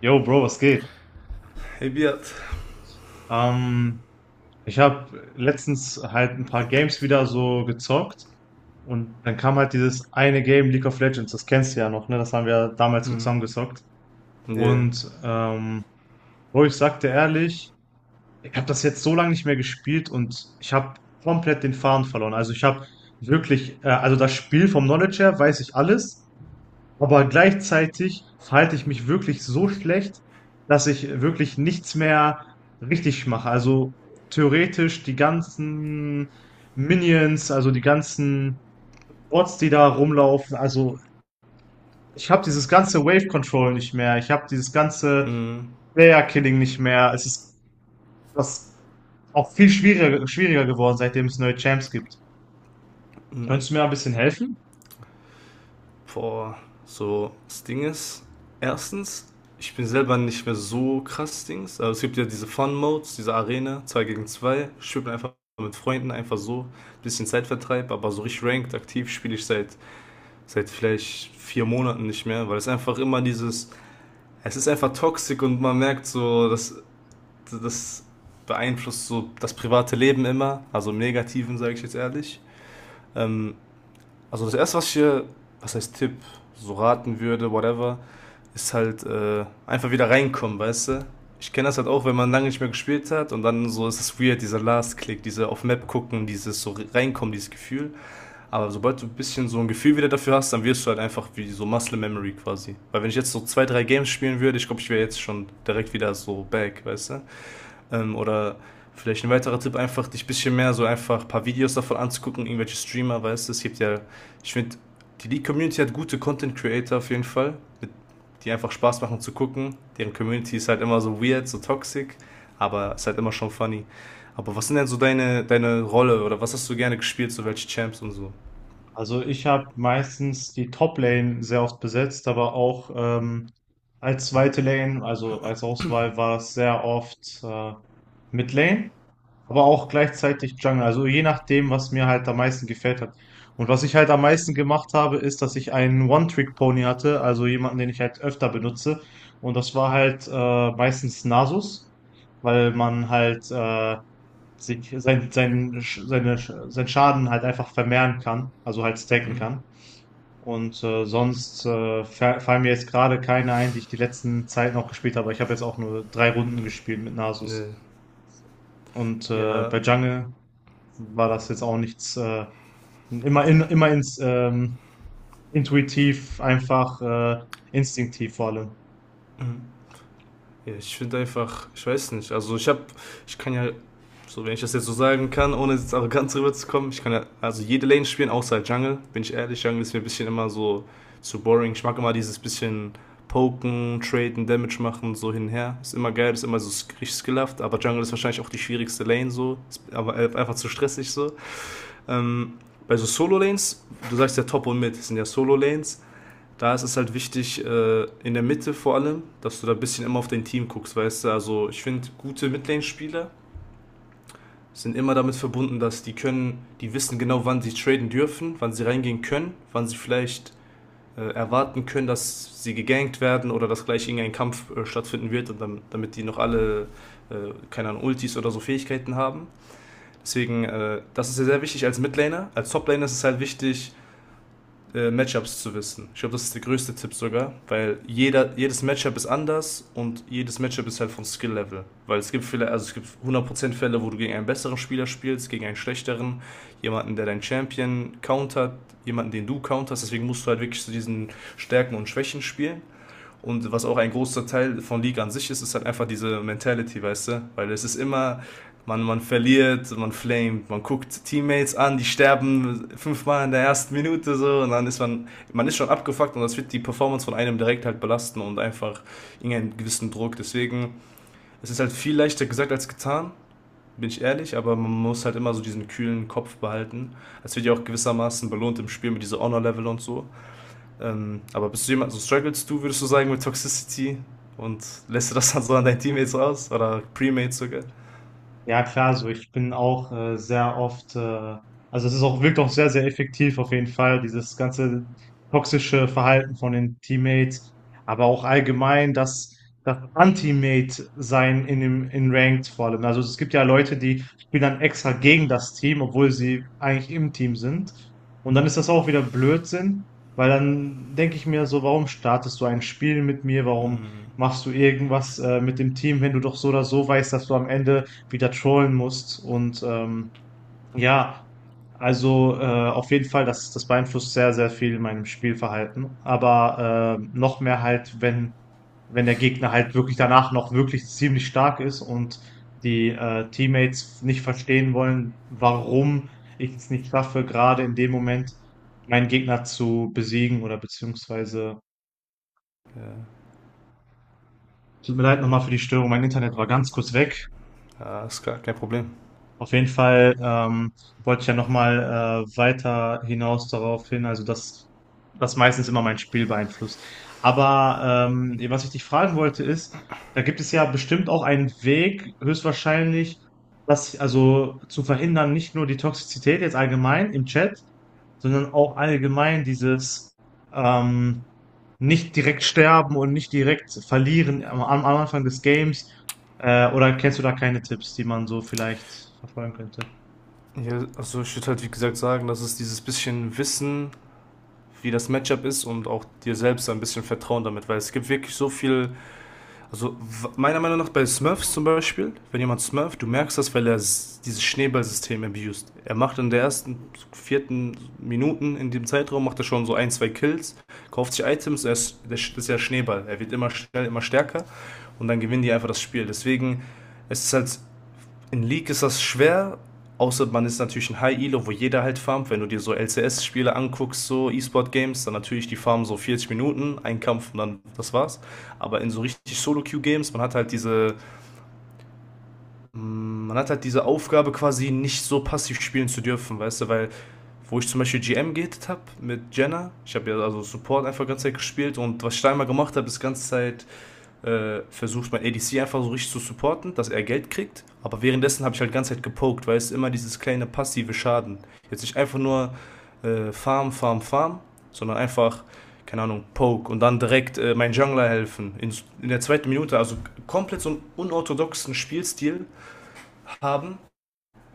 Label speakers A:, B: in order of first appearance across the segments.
A: Yo, Bro, was geht?
B: Hey Beat.
A: Ähm, Ich habe letztens halt ein paar Games wieder so gezockt und dann kam halt dieses eine Game League of Legends, das kennst du ja noch, ne? Das haben wir ja damals so
B: Mhm.
A: zusammen gezockt.
B: Yeah.
A: Und ähm, Bro, ich sagte ehrlich, ich habe das jetzt so lange nicht mehr gespielt und ich habe komplett den Faden verloren. Also ich habe also das Spiel vom Knowledge her weiß ich alles, aber gleichzeitig verhalte ich mich wirklich so schlecht, dass ich wirklich nichts mehr richtig mache. Also theoretisch die ganzen Minions, also die ganzen Bots, die da rumlaufen. Also ich habe dieses ganze Wave Control nicht mehr. Ich habe dieses ganze
B: Mhm.
A: Player Killing nicht mehr. Es ist was auch viel schwieriger, geworden, seitdem es neue Champs gibt.
B: Mhm.
A: Könntest du mir ein bisschen helfen?
B: Boah, so, das Ding ist, erstens, ich bin selber nicht mehr so krass Dings, aber es gibt ja diese Fun-Modes, diese Arena, 2 gegen 2. Spielt man einfach mit Freunden, einfach so, bisschen Zeitvertreib, aber so richtig ranked, aktiv spiele ich seit vielleicht vier Monaten nicht mehr, weil es einfach immer es ist einfach toxisch und man merkt so, dass das beeinflusst so das private Leben immer, also im Negativen, sage ich jetzt ehrlich. Ähm, Also das erste, was heißt Tipp, so raten würde, whatever, ist halt einfach wieder reinkommen, weißt du? Ich kenne das halt auch, wenn man lange nicht mehr gespielt hat und dann so ist es weird, dieser Last Click, diese auf Map gucken, dieses so reinkommen, dieses Gefühl. Aber sobald du ein bisschen so ein Gefühl wieder dafür hast, dann wirst du halt einfach wie so Muscle Memory quasi. Weil wenn ich jetzt so zwei, drei Games spielen würde, ich glaube, ich wäre jetzt schon direkt wieder so back, weißt du? Oder vielleicht ein weiterer Tipp, einfach dich ein bisschen mehr so einfach ein paar Videos davon anzugucken, irgendwelche Streamer, weißt du, es gibt ja, ich finde, die League-Community hat gute Content-Creator auf jeden Fall, mit, die einfach Spaß machen zu gucken. Deren Community ist halt immer so weird, so toxic, aber ist halt immer schon funny. Aber was sind denn so deine Rolle oder was hast du gerne gespielt, so welche Champs und so?
A: Also ich habe meistens die Top-Lane sehr oft besetzt, aber auch als zweite Lane, also als Auswahl war es sehr oft Mid-Lane, aber auch gleichzeitig Jungle. Also je nachdem, was mir halt am meisten gefällt hat. Und was ich halt am meisten gemacht habe, ist, dass ich einen One-Trick-Pony hatte, also jemanden, den ich halt öfter benutze. Und das war halt meistens Nasus, weil man halt sich sein, sein, seine, sein Schaden halt einfach vermehren kann, also halt stacken kann. Fallen mir jetzt gerade keine ein, die ich die letzten Zeiten auch gespielt habe. Ich habe jetzt auch nur drei Runden gespielt mit
B: Ne,
A: Nasus.
B: ja,
A: Bei Jungle war das jetzt auch nichts, immer, in, immer ins, intuitiv, einfach instinktiv vor allem.
B: ja, ich finde einfach, ich weiß nicht, also ich habe, ich kann ja, so wenn ich das jetzt so sagen kann, ohne jetzt arrogant rüberzukommen, ich kann ja, also jede Lane spielen, außer Jungle, bin ich ehrlich, Jungle ist mir ein bisschen immer so zu boring. Ich mag immer dieses bisschen poken, traden, Damage machen, so hin und her. Ist immer geil, ist immer so richtig skillhaft, aber Jungle ist wahrscheinlich auch die schwierigste Lane so, ist aber einfach zu stressig so. Ähm, bei so Solo-Lanes, du sagst ja Top und Mid, das sind ja Solo-Lanes, da ist es halt wichtig, in der Mitte vor allem, dass du da ein bisschen immer auf dein Team guckst, weißt du? Also ich finde, gute Midlane-Spieler sind immer damit verbunden, dass die können, die wissen genau, wann sie traden dürfen, wann sie reingehen können, wann sie vielleicht erwarten können, dass sie gegankt werden oder dass gleich irgendein Kampf stattfinden wird, und dann, damit die noch alle, keine Ahnung, Ultis oder so Fähigkeiten haben. Deswegen, das ist ja sehr wichtig als Midlaner. Als Toplaner ist es halt wichtig, Matchups zu wissen. Ich glaube, das ist der größte Tipp sogar, weil jeder, jedes Matchup ist anders und jedes Matchup ist halt von Skill-Level. Weil es gibt viele, also es gibt 100% Fälle, wo du gegen einen besseren Spieler spielst, gegen einen schlechteren, jemanden, der deinen Champion countert, jemanden, den du counterst. Deswegen musst du halt wirklich zu diesen Stärken und Schwächen spielen. Und was auch ein großer Teil von League an sich ist, ist halt einfach diese Mentality, weißt du? Weil es ist immer, man verliert, man flamet, man guckt Teammates an, die sterben fünfmal in der ersten Minute so und dann ist man, man ist schon abgefuckt und das wird die Performance von einem direkt halt belasten und einfach irgendeinen gewissen Druck. Deswegen, es ist halt viel leichter gesagt als getan, bin ich ehrlich, aber man muss halt immer so diesen kühlen Kopf behalten. Es wird ja auch gewissermaßen belohnt im Spiel mit dieser Honor-Level und so. Aber bist du jemand, so strugglest du, würdest du sagen, mit Toxicity und lässt du das dann so an deinen Teammates raus oder Premates sogar?
A: Ja, klar, so ich bin auch sehr oft, also es ist auch, wirkt auch sehr, sehr effektiv auf jeden Fall, dieses ganze toxische Verhalten von den Teammates, aber auch allgemein das Anti-Mate-Sein in in Ranked vor allem. Also es gibt ja Leute, die spielen dann extra gegen das Team, obwohl sie eigentlich im Team sind. Und dann ist das auch wieder Blödsinn, weil dann denke ich mir so, warum startest du ein Spiel mit mir? Warum machst du irgendwas mit dem Team, wenn du doch so oder so weißt, dass du am Ende wieder trollen musst. Ja, also auf jeden Fall, das beeinflusst sehr, sehr viel in meinem Spielverhalten. Aber noch mehr halt, wenn der Gegner halt wirklich danach noch wirklich ziemlich stark ist und die Teammates nicht verstehen wollen, warum ich es nicht schaffe, gerade in dem Moment meinen Gegner zu besiegen oder beziehungsweise,
B: Ja,
A: tut mir leid nochmal für die Störung, mein Internet war ganz kurz weg.
B: ja ist klar, kein Problem.
A: Auf jeden Fall, wollte ich ja nochmal weiter hinaus darauf hin, also dass das meistens immer mein Spiel beeinflusst. Aber was ich dich fragen wollte ist, da gibt es ja bestimmt auch einen Weg, höchstwahrscheinlich, das also zu verhindern, nicht nur die Toxizität jetzt allgemein im Chat, sondern auch allgemein dieses ähm, nicht direkt sterben und nicht direkt verlieren am Anfang des Games, oder kennst du da keine Tipps, die man so vielleicht verfolgen könnte?
B: Ja, also ich würde halt wie gesagt sagen, dass es dieses bisschen Wissen, wie das Matchup ist und auch dir selbst ein bisschen Vertrauen damit, weil es gibt wirklich so viel. Also meiner Meinung nach bei Smurfs zum Beispiel, wenn jemand Smurf, du merkst das, weil er dieses Schneeballsystem abused. Er macht in der ersten, vierten Minuten in dem Zeitraum, macht er schon so ein, zwei Kills, kauft sich Items, er ist, das ist ja Schneeball. Er wird immer schnell, immer stärker und dann gewinnen die einfach das Spiel. Deswegen, es ist halt, in League ist das schwer, außer man ist natürlich ein High-Elo, wo jeder halt farmt. Wenn du dir so LCS-Spiele anguckst, so E-Sport-Games, dann natürlich die farmen so 40 Minuten, ein Kampf und dann das war's. Aber in so richtig Solo-Queue-Games, man hat halt diese, man hat halt diese Aufgabe quasi nicht so passiv spielen zu dürfen, weißt du, weil wo ich zum Beispiel GM gehtet habe mit Jenna. Ich habe ja also Support einfach die ganze Zeit gespielt und was ich da immer gemacht habe, ist die ganze Zeit versucht, mein ADC einfach so richtig zu supporten, dass er Geld kriegt. Aber währenddessen habe ich halt die ganze Zeit gepokt, weil es immer dieses kleine passive Schaden. Jetzt nicht einfach nur Farm, Farm, Farm, sondern einfach, keine Ahnung, Poke und dann direkt mein Jungler helfen. In der zweiten Minute, also komplett so einen unorthodoxen Spielstil haben,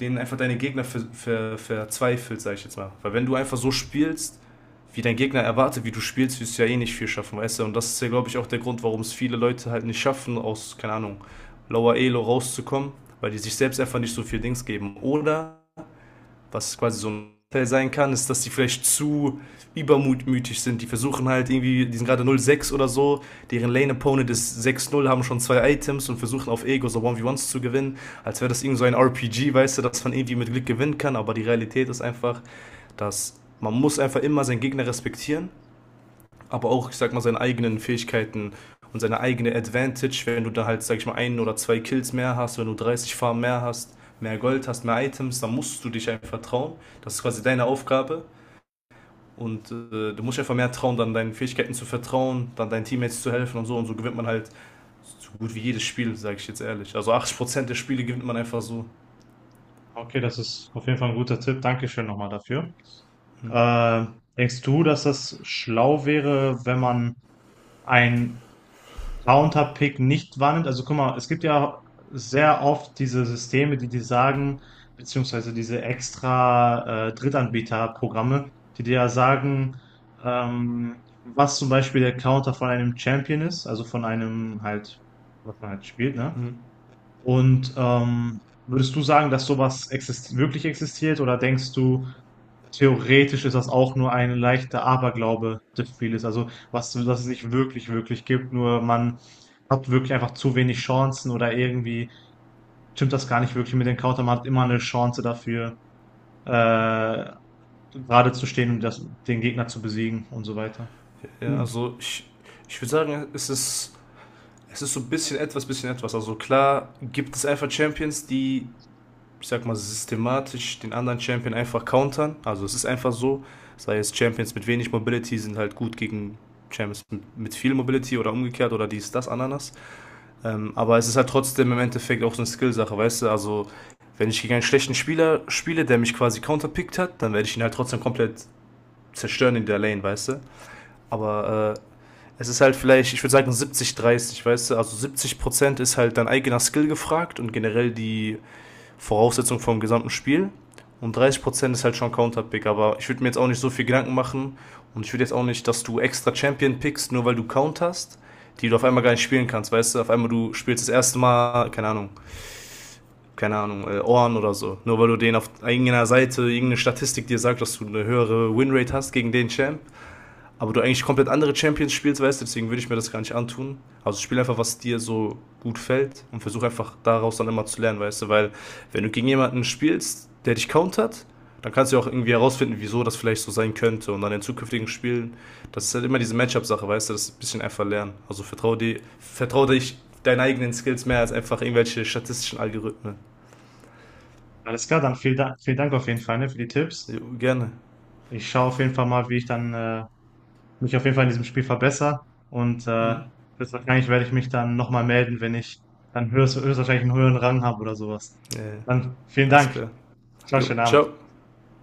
B: denen einfach deine Gegner verzweifelt, sag ich jetzt mal. Weil wenn du einfach so spielst, wie dein Gegner erwartet, wie du spielst, wirst du ja eh nicht viel schaffen, weißt du? Und das ist ja, glaube ich, auch der Grund, warum es viele Leute halt nicht schaffen, aus, keine Ahnung, Lower Elo rauszukommen, weil die sich selbst einfach nicht so viel Dings geben. Oder was quasi so ein Teil sein kann, ist, dass die vielleicht zu übermutmütig sind. Die versuchen halt irgendwie, die sind gerade null sechs oder so, deren Lane Opponent ist sechs null, haben schon zwei Items und versuchen auf Ego so 1 v 1 zu gewinnen, als wäre das irgendwie so ein RPG, weißt du, dass man irgendwie mit Glück gewinnen kann, aber die Realität ist einfach, dass man muss einfach immer seinen Gegner respektieren, aber auch, ich sag mal, seine eigenen Fähigkeiten und seine eigene Advantage, wenn du da halt, sag ich mal, ein oder zwei Kills mehr hast, wenn du 30 Farben mehr hast, mehr Gold hast, mehr Items, dann musst du dich einfach trauen. Das ist quasi deine Aufgabe. Und du musst einfach mehr trauen, dann deinen Fähigkeiten zu vertrauen, dann deinen Teammates zu helfen und so. Und so gewinnt man halt so gut wie jedes Spiel, sage ich jetzt ehrlich. Also 80% der Spiele gewinnt man einfach so.
A: Okay, das ist auf jeden Fall ein guter Tipp. Dankeschön nochmal dafür. Äh, Denkst du, dass das schlau wäre, wenn man einen Counterpick nicht wahrnimmt? Also guck mal, es gibt ja sehr oft diese Systeme, die dir sagen, beziehungsweise diese extra Drittanbieterprogramme, die dir ja sagen, was zum Beispiel der Counter von einem Champion ist, also von einem halt, was man halt spielt, ne?
B: Mhm.
A: Und würdest du sagen, dass sowas exist wirklich existiert oder denkst du, theoretisch ist das auch nur ein leichter Aberglaube des Spieles? Also, was, dass es nicht wirklich, wirklich gibt, nur man hat wirklich einfach zu wenig Chancen oder irgendwie stimmt das gar nicht wirklich mit den Counter. Man hat immer eine Chance dafür, äh, gerade zu stehen und das, den Gegner zu besiegen und so weiter.
B: Ja,
A: Mhm.
B: also ich, ich würde sagen, es ist so ein bisschen etwas, bisschen etwas. Also klar gibt es einfach Champions, die ich sag mal, systematisch den anderen Champion einfach countern. Also es ist einfach so, sei es Champions mit wenig Mobility sind halt gut gegen Champions mit viel Mobility oder umgekehrt oder dies, das, Ananas. Aber es ist halt trotzdem im Endeffekt auch so eine Skill-Sache, weißt du? Also, wenn ich gegen einen schlechten Spieler spiele, der mich quasi counterpickt hat, dann werde ich ihn halt trotzdem komplett zerstören in der Lane, weißt du? Aber es ist halt vielleicht, ich würde sagen 70-30, weißt du? Also 70% ist halt dein eigener Skill gefragt und generell die Voraussetzung vom gesamten Spiel. Und 30% ist halt schon Counterpick, aber ich würde mir jetzt auch nicht so viel Gedanken machen und ich würde jetzt auch nicht, dass du extra Champion pickst, nur weil du Count hast, die du auf einmal gar nicht spielen kannst, weißt du? Auf einmal du spielst das erste Mal, keine Ahnung, Ohren oder so. Nur weil du den auf irgendeiner Seite, irgendeine Statistik dir sagt, dass du eine höhere Winrate hast gegen den Champ, aber du eigentlich komplett andere Champions spielst, weißt du, deswegen würde ich mir das gar nicht antun. Also spiel einfach, was dir so gut fällt und versuch einfach daraus dann immer zu lernen, weißt du, weil wenn du gegen jemanden spielst, der dich countert, dann kannst du ja auch irgendwie herausfinden, wieso das vielleicht so sein könnte und dann in zukünftigen Spielen, das ist halt immer diese Matchup-Sache, weißt du, das ist ein bisschen einfach lernen. Also vertraue dir, vertraue dich deinen eigenen Skills mehr als einfach irgendwelche statistischen Algorithmen.
A: Alles klar, dann vielen Dank auf jeden Fall, ne, für die Tipps.
B: Jo, gerne.
A: Ich schaue auf jeden Fall mal, wie ich dann mich auf jeden Fall in diesem Spiel verbessere. Und äh, Höchstwahrscheinlich werde ich mich dann nochmal melden, wenn ich dann höchstwahrscheinlich einen höheren Rang habe oder sowas.
B: Ja, ja,
A: Dann vielen
B: alles
A: Dank.
B: klar.
A: Ciao,
B: Jo,
A: schönen Abend.
B: ciao.